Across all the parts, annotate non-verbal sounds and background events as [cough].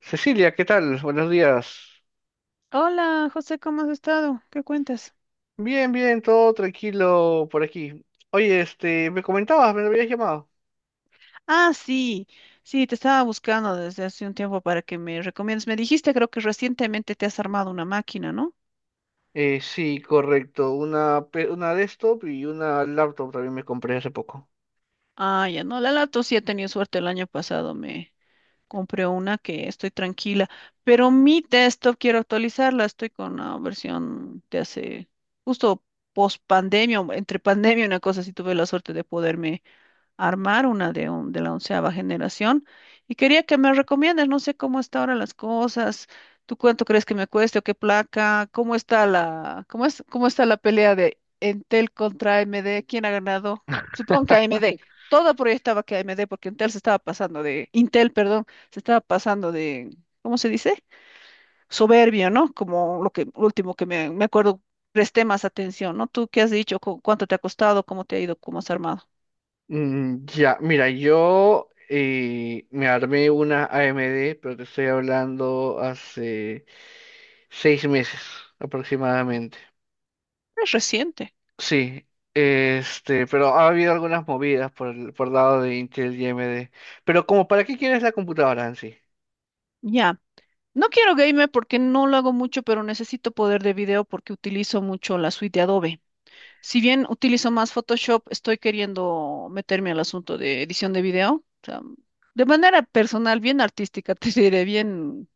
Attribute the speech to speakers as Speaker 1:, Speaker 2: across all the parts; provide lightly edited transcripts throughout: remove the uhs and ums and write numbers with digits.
Speaker 1: Cecilia, ¿qué tal? Buenos días.
Speaker 2: Hola, José, ¿cómo has estado? ¿Qué cuentas?
Speaker 1: Bien, bien, todo tranquilo por aquí. Oye, me comentabas, me habías llamado.
Speaker 2: Ah, sí, sí, te estaba buscando desde hace un tiempo para que me recomiendes. Me dijiste, creo que recientemente te has armado una máquina, ¿no?
Speaker 1: Sí, correcto. Una desktop y una laptop también me compré hace poco.
Speaker 2: Ah, ya no, la Lato sí he tenido suerte el año pasado, me compré una que estoy tranquila, pero mi desktop quiero actualizarla, estoy con una versión de hace justo post pandemia, entre pandemia, una cosa, si tuve la suerte de poderme armar de la onceava generación y quería que me recomiendes, no sé cómo está ahora las cosas, tú cuánto crees que me cueste o qué placa, cómo está la pelea de Entel contra AMD, quién ha ganado, supongo que AMD. Todo proyectaba que AMD, porque Intel se estaba pasando de, Intel, perdón, se estaba pasando de, ¿cómo se dice? Soberbio, ¿no? Como lo que, lo último que me acuerdo, presté más atención, ¿no? ¿Tú qué has dicho? ¿Cuánto te ha costado? ¿Cómo te ha ido? ¿Cómo has armado?
Speaker 1: Mm, ya, mira, yo me armé una AMD, pero te estoy hablando hace 6 meses aproximadamente.
Speaker 2: Es reciente.
Speaker 1: Sí, pero ha habido algunas movidas por lado de Intel y AMD. Pero como, ¿para qué quieres la computadora en sí?
Speaker 2: Ya. No quiero gamer porque no lo hago mucho, pero necesito poder de video porque utilizo mucho la suite de Adobe. Si bien utilizo más Photoshop, estoy queriendo meterme al asunto de edición de video. O sea, de manera personal, bien artística, [laughs] te diré, bien,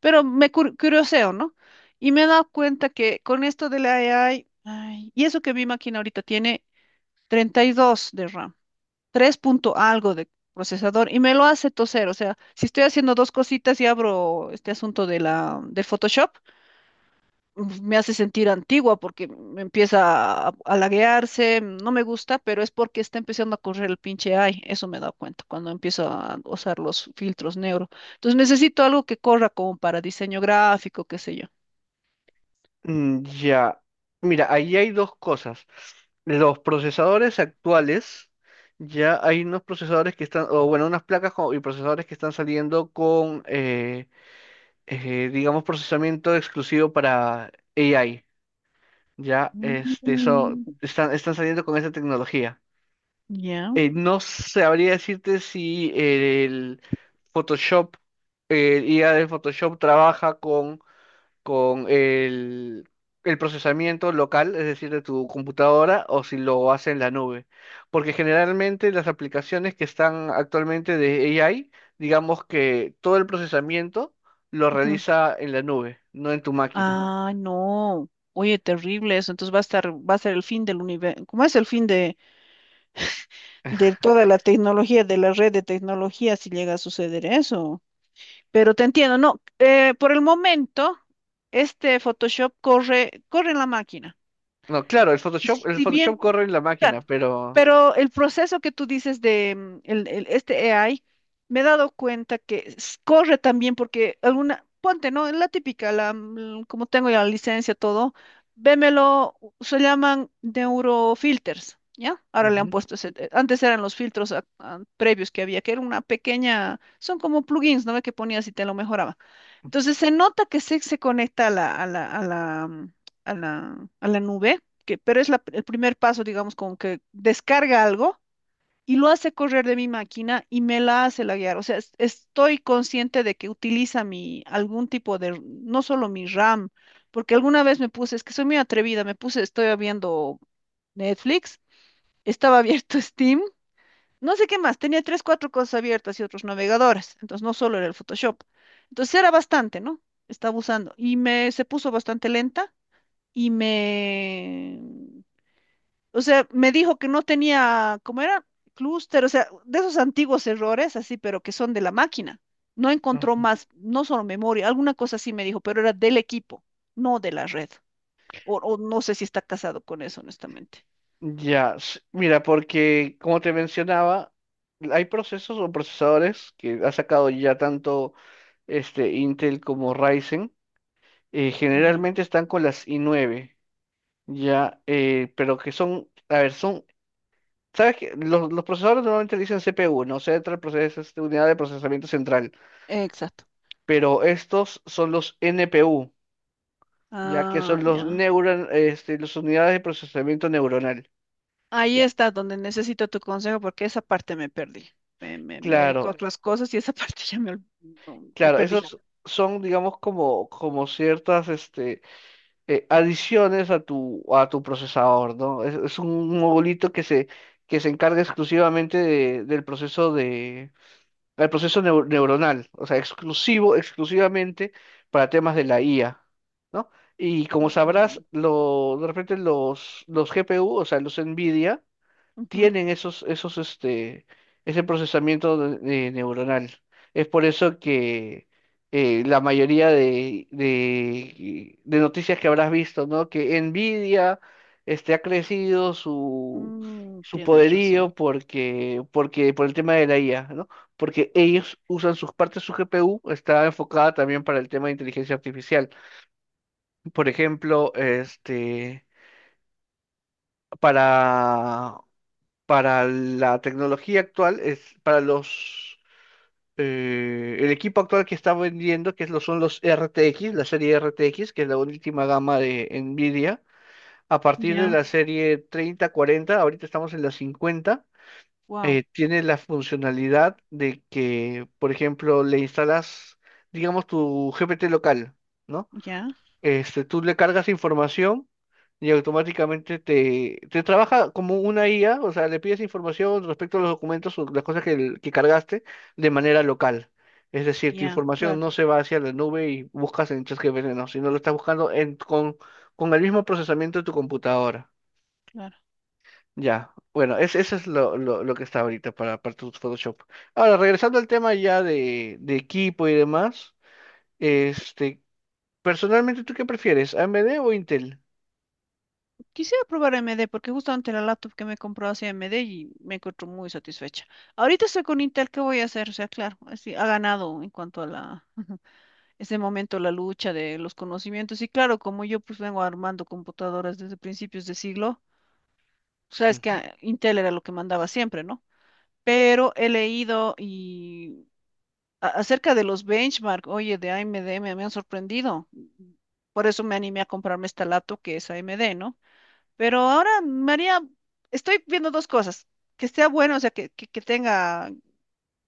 Speaker 2: pero curioseo, ¿no? Y me he dado cuenta que con esto de la AI, ay, y eso que mi máquina ahorita tiene 32 de RAM tres punto algo de procesador y me lo hace toser. O sea, si estoy haciendo dos cositas y abro este asunto de Photoshop, uf, me hace sentir antigua porque me empieza a laguearse, no me gusta, pero es porque está empezando a correr el pinche AI. Eso me he dado cuenta cuando empiezo a usar los filtros neuro. Entonces necesito algo que corra como para diseño gráfico, qué sé yo.
Speaker 1: Mm, ya, mira, ahí hay dos cosas. Los procesadores actuales, ya hay unos procesadores que están, o bueno, unas placas y procesadores que están saliendo con, digamos, procesamiento exclusivo para AI. Ya, eso,
Speaker 2: Mm.
Speaker 1: están saliendo con esa tecnología.
Speaker 2: Ya.
Speaker 1: No sabría decirte si el Photoshop, el IA del Photoshop trabaja con el procesamiento local, es decir, de tu computadora, o si lo hace en la nube. Porque generalmente las aplicaciones que están actualmente de AI, digamos que todo el procesamiento lo
Speaker 2: Ujú.
Speaker 1: realiza en la nube, no en tu máquina.
Speaker 2: Ah, no. Oye, terrible eso. Entonces va a estar, va a ser el fin del universo. ¿Cómo es el fin de toda la tecnología, de la red de tecnología, si llega a suceder eso? Pero te entiendo, no. Por el momento, este Photoshop corre, corre en la máquina.
Speaker 1: No, claro, el Photoshop, el
Speaker 2: Si
Speaker 1: Photoshop
Speaker 2: bien,
Speaker 1: corre en la máquina,
Speaker 2: claro,
Speaker 1: pero.
Speaker 2: pero el proceso que tú dices de este AI, me he dado cuenta que corre también porque alguna, ponte, ¿no? La típica, como tengo ya la licencia, todo, vémelo, se llaman neurofilters, ¿ya? Ahora le han
Speaker 1: Ujú,
Speaker 2: puesto ese, antes eran los filtros previos que había, que era una pequeña, son como plugins, ¿no? Que ponías y te lo mejoraba. Entonces se nota que se conecta a la nube que, pero es el primer paso, digamos, como que descarga algo y lo hace correr de mi máquina y me la hace laguear. O sea, estoy consciente de que utiliza mi, algún tipo de, no solo mi RAM, porque alguna vez me puse, es que soy muy atrevida, me puse, estoy viendo Netflix, estaba abierto [laughs] Steam, no sé qué más, tenía tres, cuatro cosas abiertas y otros navegadores, entonces no solo era el Photoshop. Entonces era bastante, ¿no? Estaba usando y me se puso bastante lenta y me, o sea, me dijo que no tenía, ¿cómo era? Clúster, o sea, de esos antiguos errores, así, pero que son de la máquina. No encontró
Speaker 1: ujú.
Speaker 2: más, no solo memoria, alguna cosa así me dijo, pero era del equipo, no de la red. O no sé si está casado con eso, honestamente.
Speaker 1: Ya, mira, porque como te mencionaba, hay procesos o procesadores que ha sacado ya tanto Intel como Ryzen. eh,
Speaker 2: Ya,
Speaker 1: generalmente están con las i9, ya, pero que a ver, sabes que los procesadores normalmente le dicen CPU, no Central Process, unidad de procesamiento central,
Speaker 2: exacto.
Speaker 1: pero estos son los NPU, ya que
Speaker 2: Ah,
Speaker 1: son
Speaker 2: ya.
Speaker 1: las unidades de procesamiento neuronal.
Speaker 2: Ahí
Speaker 1: Ya.
Speaker 2: está donde necesito tu consejo porque esa parte me perdí. Me dedico
Speaker 1: Claro,
Speaker 2: a Vale. Otras cosas y esa parte [laughs] ya me, no, me
Speaker 1: claro,
Speaker 2: perdí.
Speaker 1: esos son, digamos, como ciertas adiciones a tu procesador, ¿no? Es un modulito que se encarga exclusivamente del proceso de, del proceso neu- neuronal, o sea, exclusivamente para temas de la IA, ¿no? Y como sabrás,
Speaker 2: Ujú,
Speaker 1: de repente los GPU, o sea, los NVIDIA,
Speaker 2: ujú.
Speaker 1: tienen ese procesamiento de neuronal. Es por eso que la mayoría de noticias que habrás visto, ¿no? Que Nvidia ha crecido su, su
Speaker 2: Tienes razón.
Speaker 1: poderío por el tema de la IA, ¿no? Porque ellos usan sus partes, su GPU está enfocada también para el tema de inteligencia artificial. Por ejemplo, para para la tecnología actual, es para los el equipo actual que está vendiendo, que es son los RTX, la serie RTX, que es la última gama de Nvidia. A partir de
Speaker 2: Ya,
Speaker 1: la serie 30 40 ahorita estamos en la 50.
Speaker 2: wow,
Speaker 1: Tiene la funcionalidad de que, por ejemplo, le instalas, digamos, tu GPT local, ¿no?
Speaker 2: ya.
Speaker 1: Tú le cargas información y automáticamente te trabaja como una IA, o sea, le pides información respecto a los documentos o las cosas que cargaste de manera local. Es decir, tu
Speaker 2: Ya,
Speaker 1: información
Speaker 2: claro,
Speaker 1: no se va hacia la nube y buscas en ChatGPT, no, sino lo estás buscando con el mismo procesamiento de tu computadora.
Speaker 2: claro.
Speaker 1: Ya, bueno, eso es lo que está ahorita para tu Photoshop. Ahora, regresando al tema ya de equipo y demás, este, personalmente, ¿tú qué prefieres, AMD o Intel?
Speaker 2: Quisiera probar AMD porque justamente la laptop que me compró hace AMD y me encuentro muy satisfecha. Ahorita estoy con Intel, ¿qué voy a hacer? O sea, claro, así ha ganado en cuanto a la ese momento la lucha de los conocimientos. Y claro, como yo pues vengo armando computadoras desde principios de siglo, sabes que ah, Intel era lo que mandaba siempre, ¿no? Pero he leído y acerca de los benchmark, oye, de AMD me han sorprendido. Por eso me animé a comprarme esta laptop que es AMD, ¿no? Pero ahora, María, estoy viendo dos cosas. Que sea bueno, o sea, que tenga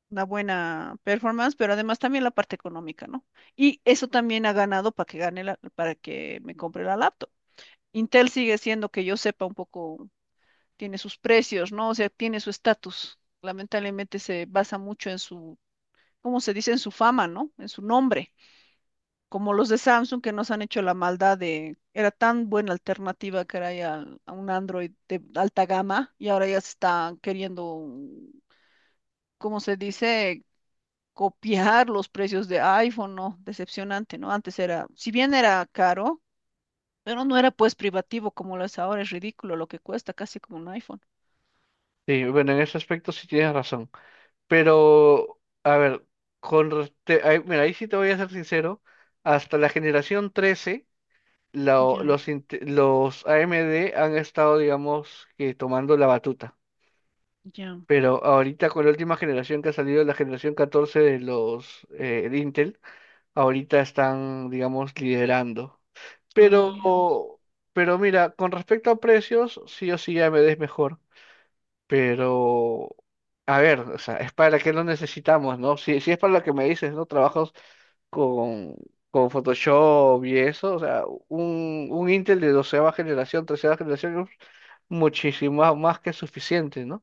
Speaker 2: una buena performance, pero además también la parte económica, ¿no? Y eso también ha ganado para que para que me compre la laptop. Intel sigue siendo que yo sepa un poco, tiene sus precios, ¿no? O sea, tiene su estatus. Lamentablemente se basa mucho en su, ¿cómo se dice? En su fama, ¿no? En su nombre como los de Samsung que nos han hecho la maldad de, era tan buena alternativa que era ya a un Android de alta gama y ahora ya se están queriendo, ¿cómo se dice? Copiar los precios de iPhone, ¿no? Decepcionante, ¿no? Antes era, si bien era caro, pero no era pues privativo como lo es ahora, es ridículo lo que cuesta, casi como un iPhone.
Speaker 1: Sí, bueno, en ese aspecto sí tienes razón. Pero con re- te- ahí- mira, ahí sí te voy a ser sincero, hasta la generación 13
Speaker 2: Ya,
Speaker 1: los AMD han estado, digamos, que tomando la batuta.
Speaker 2: ya.
Speaker 1: Pero ahorita con la última generación que ha salido, la generación 14 de Intel, ahorita están, digamos, liderando.
Speaker 2: Ah,
Speaker 1: Pero,
Speaker 2: miremos.
Speaker 1: pero mira, con respecto a precios, sí o sí AMD es mejor. Pero, a ver, o sea, es para qué lo necesitamos, ¿no? Si es para lo que me dices, ¿no? Trabajos con, con Photoshop y eso, o sea, un Intel de doceava generación, tercera generación, es muchísimo más que suficiente, ¿no?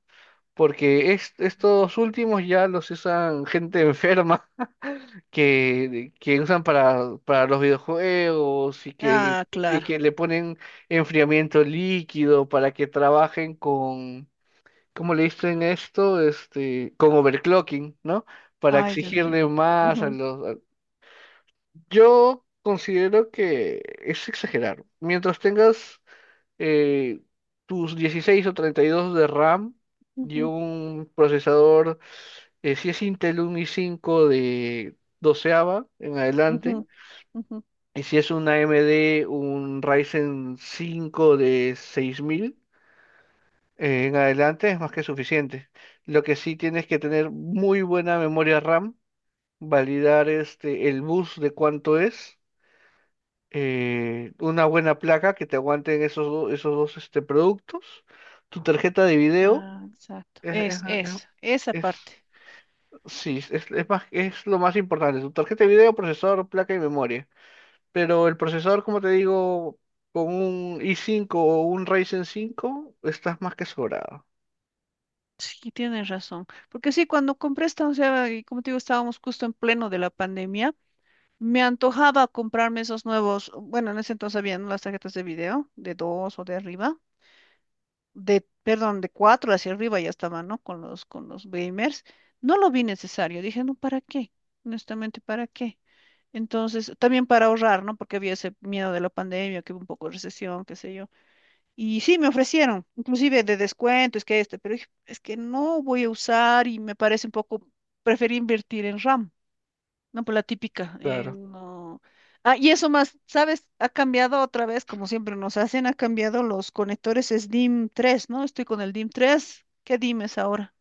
Speaker 1: Porque estos últimos ya los usan gente enferma [laughs] que usan para los videojuegos y que,
Speaker 2: Ah,
Speaker 1: y
Speaker 2: claro.
Speaker 1: que le ponen enfriamiento líquido para que trabajen. ¿Cómo le dicen esto? Con overclocking, ¿no? Para
Speaker 2: Ay, Dios mío.
Speaker 1: exigirle más a
Speaker 2: Ujú,
Speaker 1: los. Yo considero que es exagerar. Mientras tengas eh, tus 16 o 32 de RAM y
Speaker 2: ujú,
Speaker 1: un procesador, si es Intel un i5 de doceava en adelante,
Speaker 2: ujú, ujú.
Speaker 1: y si es un AMD, un Ryzen 5 de 6000. En adelante es más que suficiente. Lo que sí tienes que tener muy buena memoria RAM, validar el bus de cuánto es, una buena placa que te aguanten esos dos productos, tu tarjeta de video,
Speaker 2: Ah, exacto.
Speaker 1: es, es- es-
Speaker 2: Es, esa
Speaker 1: es-
Speaker 2: parte.
Speaker 1: sí, es más, es lo más importante, tu tarjeta de video, procesador, placa y memoria. Pero el procesador, como te digo, con un i5 o un Ryzen 5 estás más que sobrado.
Speaker 2: Sí, tienes razón. Porque sí, cuando compré esta onceava, y como te digo, estábamos justo en pleno de la pandemia, me antojaba comprarme esos nuevos, bueno, en ese entonces habían las tarjetas de video, de dos o de arriba, de, perdón, de cuatro hacia arriba ya estaban, ¿no? Con con los gamers. No lo vi necesario. Dije, no, ¿para qué? Honestamente, ¿para qué? Entonces, también para ahorrar, ¿no? Porque había ese miedo de la pandemia, que hubo un poco de recesión, qué sé yo. Y sí, me ofrecieron, inclusive de descuento, es que este, pero dije, es que no voy a usar y me parece un poco, preferí invertir en RAM, no por la típica.
Speaker 1: Claro.
Speaker 2: Y eso más, ¿sabes? Ha cambiado otra vez, como siempre nos hacen, ha cambiado los conectores SDIM 3, ¿no? Estoy con el DIM 3, ¿qué DIM es ahora?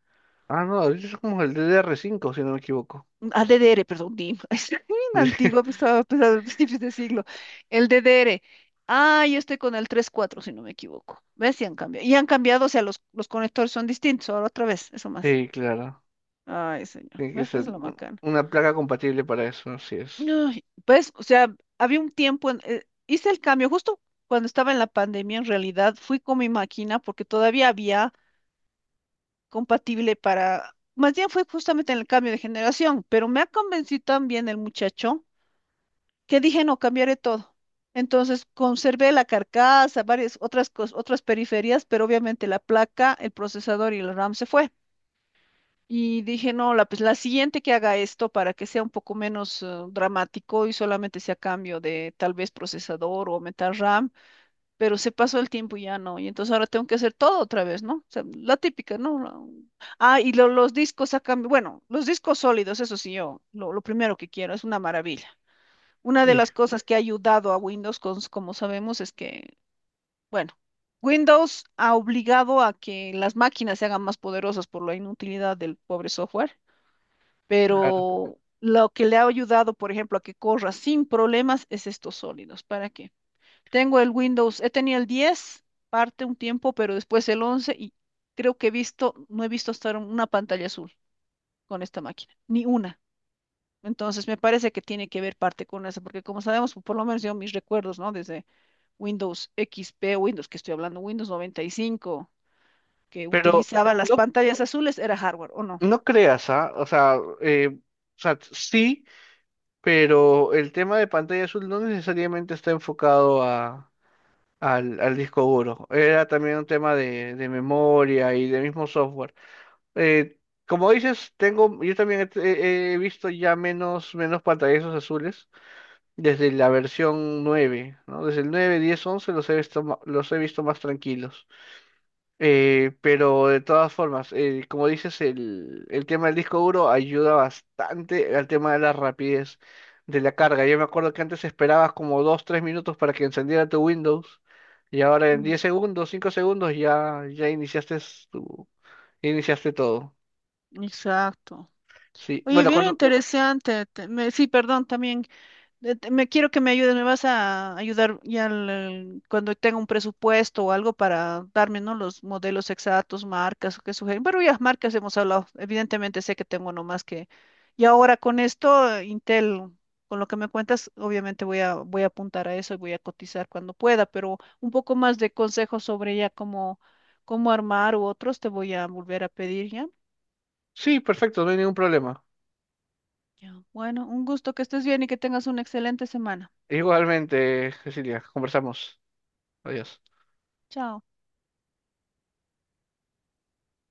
Speaker 1: Ah, no, ahorita es como el DDR5, si no me equivoco.
Speaker 2: Ah, DDR, perdón, DIM. [laughs] Es bien antiguo, pues
Speaker 1: [laughs]
Speaker 2: estaba pues, a principios de siglo. El DDR. Ah, yo estoy con el 3.4, si no me equivoco. ¿Ves? Y han cambiado. Y han cambiado, o sea, los conectores son distintos. Ahora otra vez, eso más.
Speaker 1: Sí, claro.
Speaker 2: Ay, señor.
Speaker 1: Tiene que
Speaker 2: ¿Ves? Es
Speaker 1: ser
Speaker 2: lo macana.
Speaker 1: una placa compatible para eso, así es.
Speaker 2: Ay, pues, o sea, había un tiempo, hice el cambio justo cuando estaba en la pandemia, en realidad fui con mi máquina porque todavía había compatible para, más bien fue justamente en el cambio de generación, pero me ha convencido también el muchacho que dije, no, cambiaré todo. Entonces conservé la carcasa, varias otras periferias, pero obviamente la placa, el procesador y el RAM se fue. Y dije, no, la, pues la siguiente que haga esto para que sea un poco menos dramático y solamente sea cambio de tal vez procesador o aumentar RAM, pero se pasó el tiempo y ya no. Y entonces ahora tengo que hacer todo otra vez, ¿no? O sea, la típica, ¿no? Ah, y los discos a cambio, bueno, los discos sólidos, eso sí, yo, lo, primero que quiero, es una maravilla. Una de
Speaker 1: Sí,
Speaker 2: las cosas que ha ayudado a Windows, como sabemos, es que, bueno, Windows ha obligado a que las máquinas se hagan más poderosas por la inutilidad del pobre software,
Speaker 1: claro.
Speaker 2: pero lo que le ha ayudado, por ejemplo, a que corra sin problemas es estos sólidos. ¿Para qué? Tengo el Windows, he tenido el 10, parte un tiempo, pero después el 11 y creo que he visto, no he visto hasta ahora una pantalla azul con esta máquina, ni una. Entonces me parece que tiene que ver parte con eso, porque como sabemos, por lo menos yo mis recuerdos, ¿no? Desde Windows XP, Windows, que estoy hablando, Windows 95, que
Speaker 1: Pero
Speaker 2: utilizaba las
Speaker 1: no,
Speaker 2: pantallas azules, era hardware, ¿o no?
Speaker 1: no creas, ¿ah? O sea, sí, pero el tema de pantalla azul no necesariamente está enfocado al disco duro. Era también un tema de memoria y de mismo software. Eh, Como dices, yo también he visto ya menos pantallazos azules. Desde la versión 9, ¿no? Desde el 9, 10, 11 los he visto, los he visto más tranquilos. Pero de todas formas, como dices, el tema del disco duro ayuda bastante al tema de la rapidez de la carga. Yo me acuerdo que antes esperabas como 2, 3 minutos para que encendiera tu Windows y ahora en
Speaker 2: Mm.
Speaker 1: 10 segundos, 5 segundos ya iniciaste, tu, iniciaste todo.
Speaker 2: Exacto.
Speaker 1: Sí,
Speaker 2: Oye,
Speaker 1: bueno,
Speaker 2: bien interesante. Sí, perdón, también. Me quiero que me ayudes, me vas a ayudar ya cuando tenga un presupuesto o algo para darme, ¿no? Los modelos exactos, marcas, qué sugieren. Pero ya marcas hemos hablado. Evidentemente sé que tengo nomás que. Y ahora con esto, Intel, con lo que me cuentas, obviamente voy a, voy a apuntar a eso y voy a cotizar cuando pueda, pero un poco más de consejos sobre ya cómo, armar u otros te voy a volver a pedir ya.
Speaker 1: sí, perfecto, no hay ningún problema.
Speaker 2: Ya. Bueno, un gusto que estés bien y que tengas una excelente semana.
Speaker 1: Igualmente, Cecilia, conversamos. Adiós.
Speaker 2: Chao.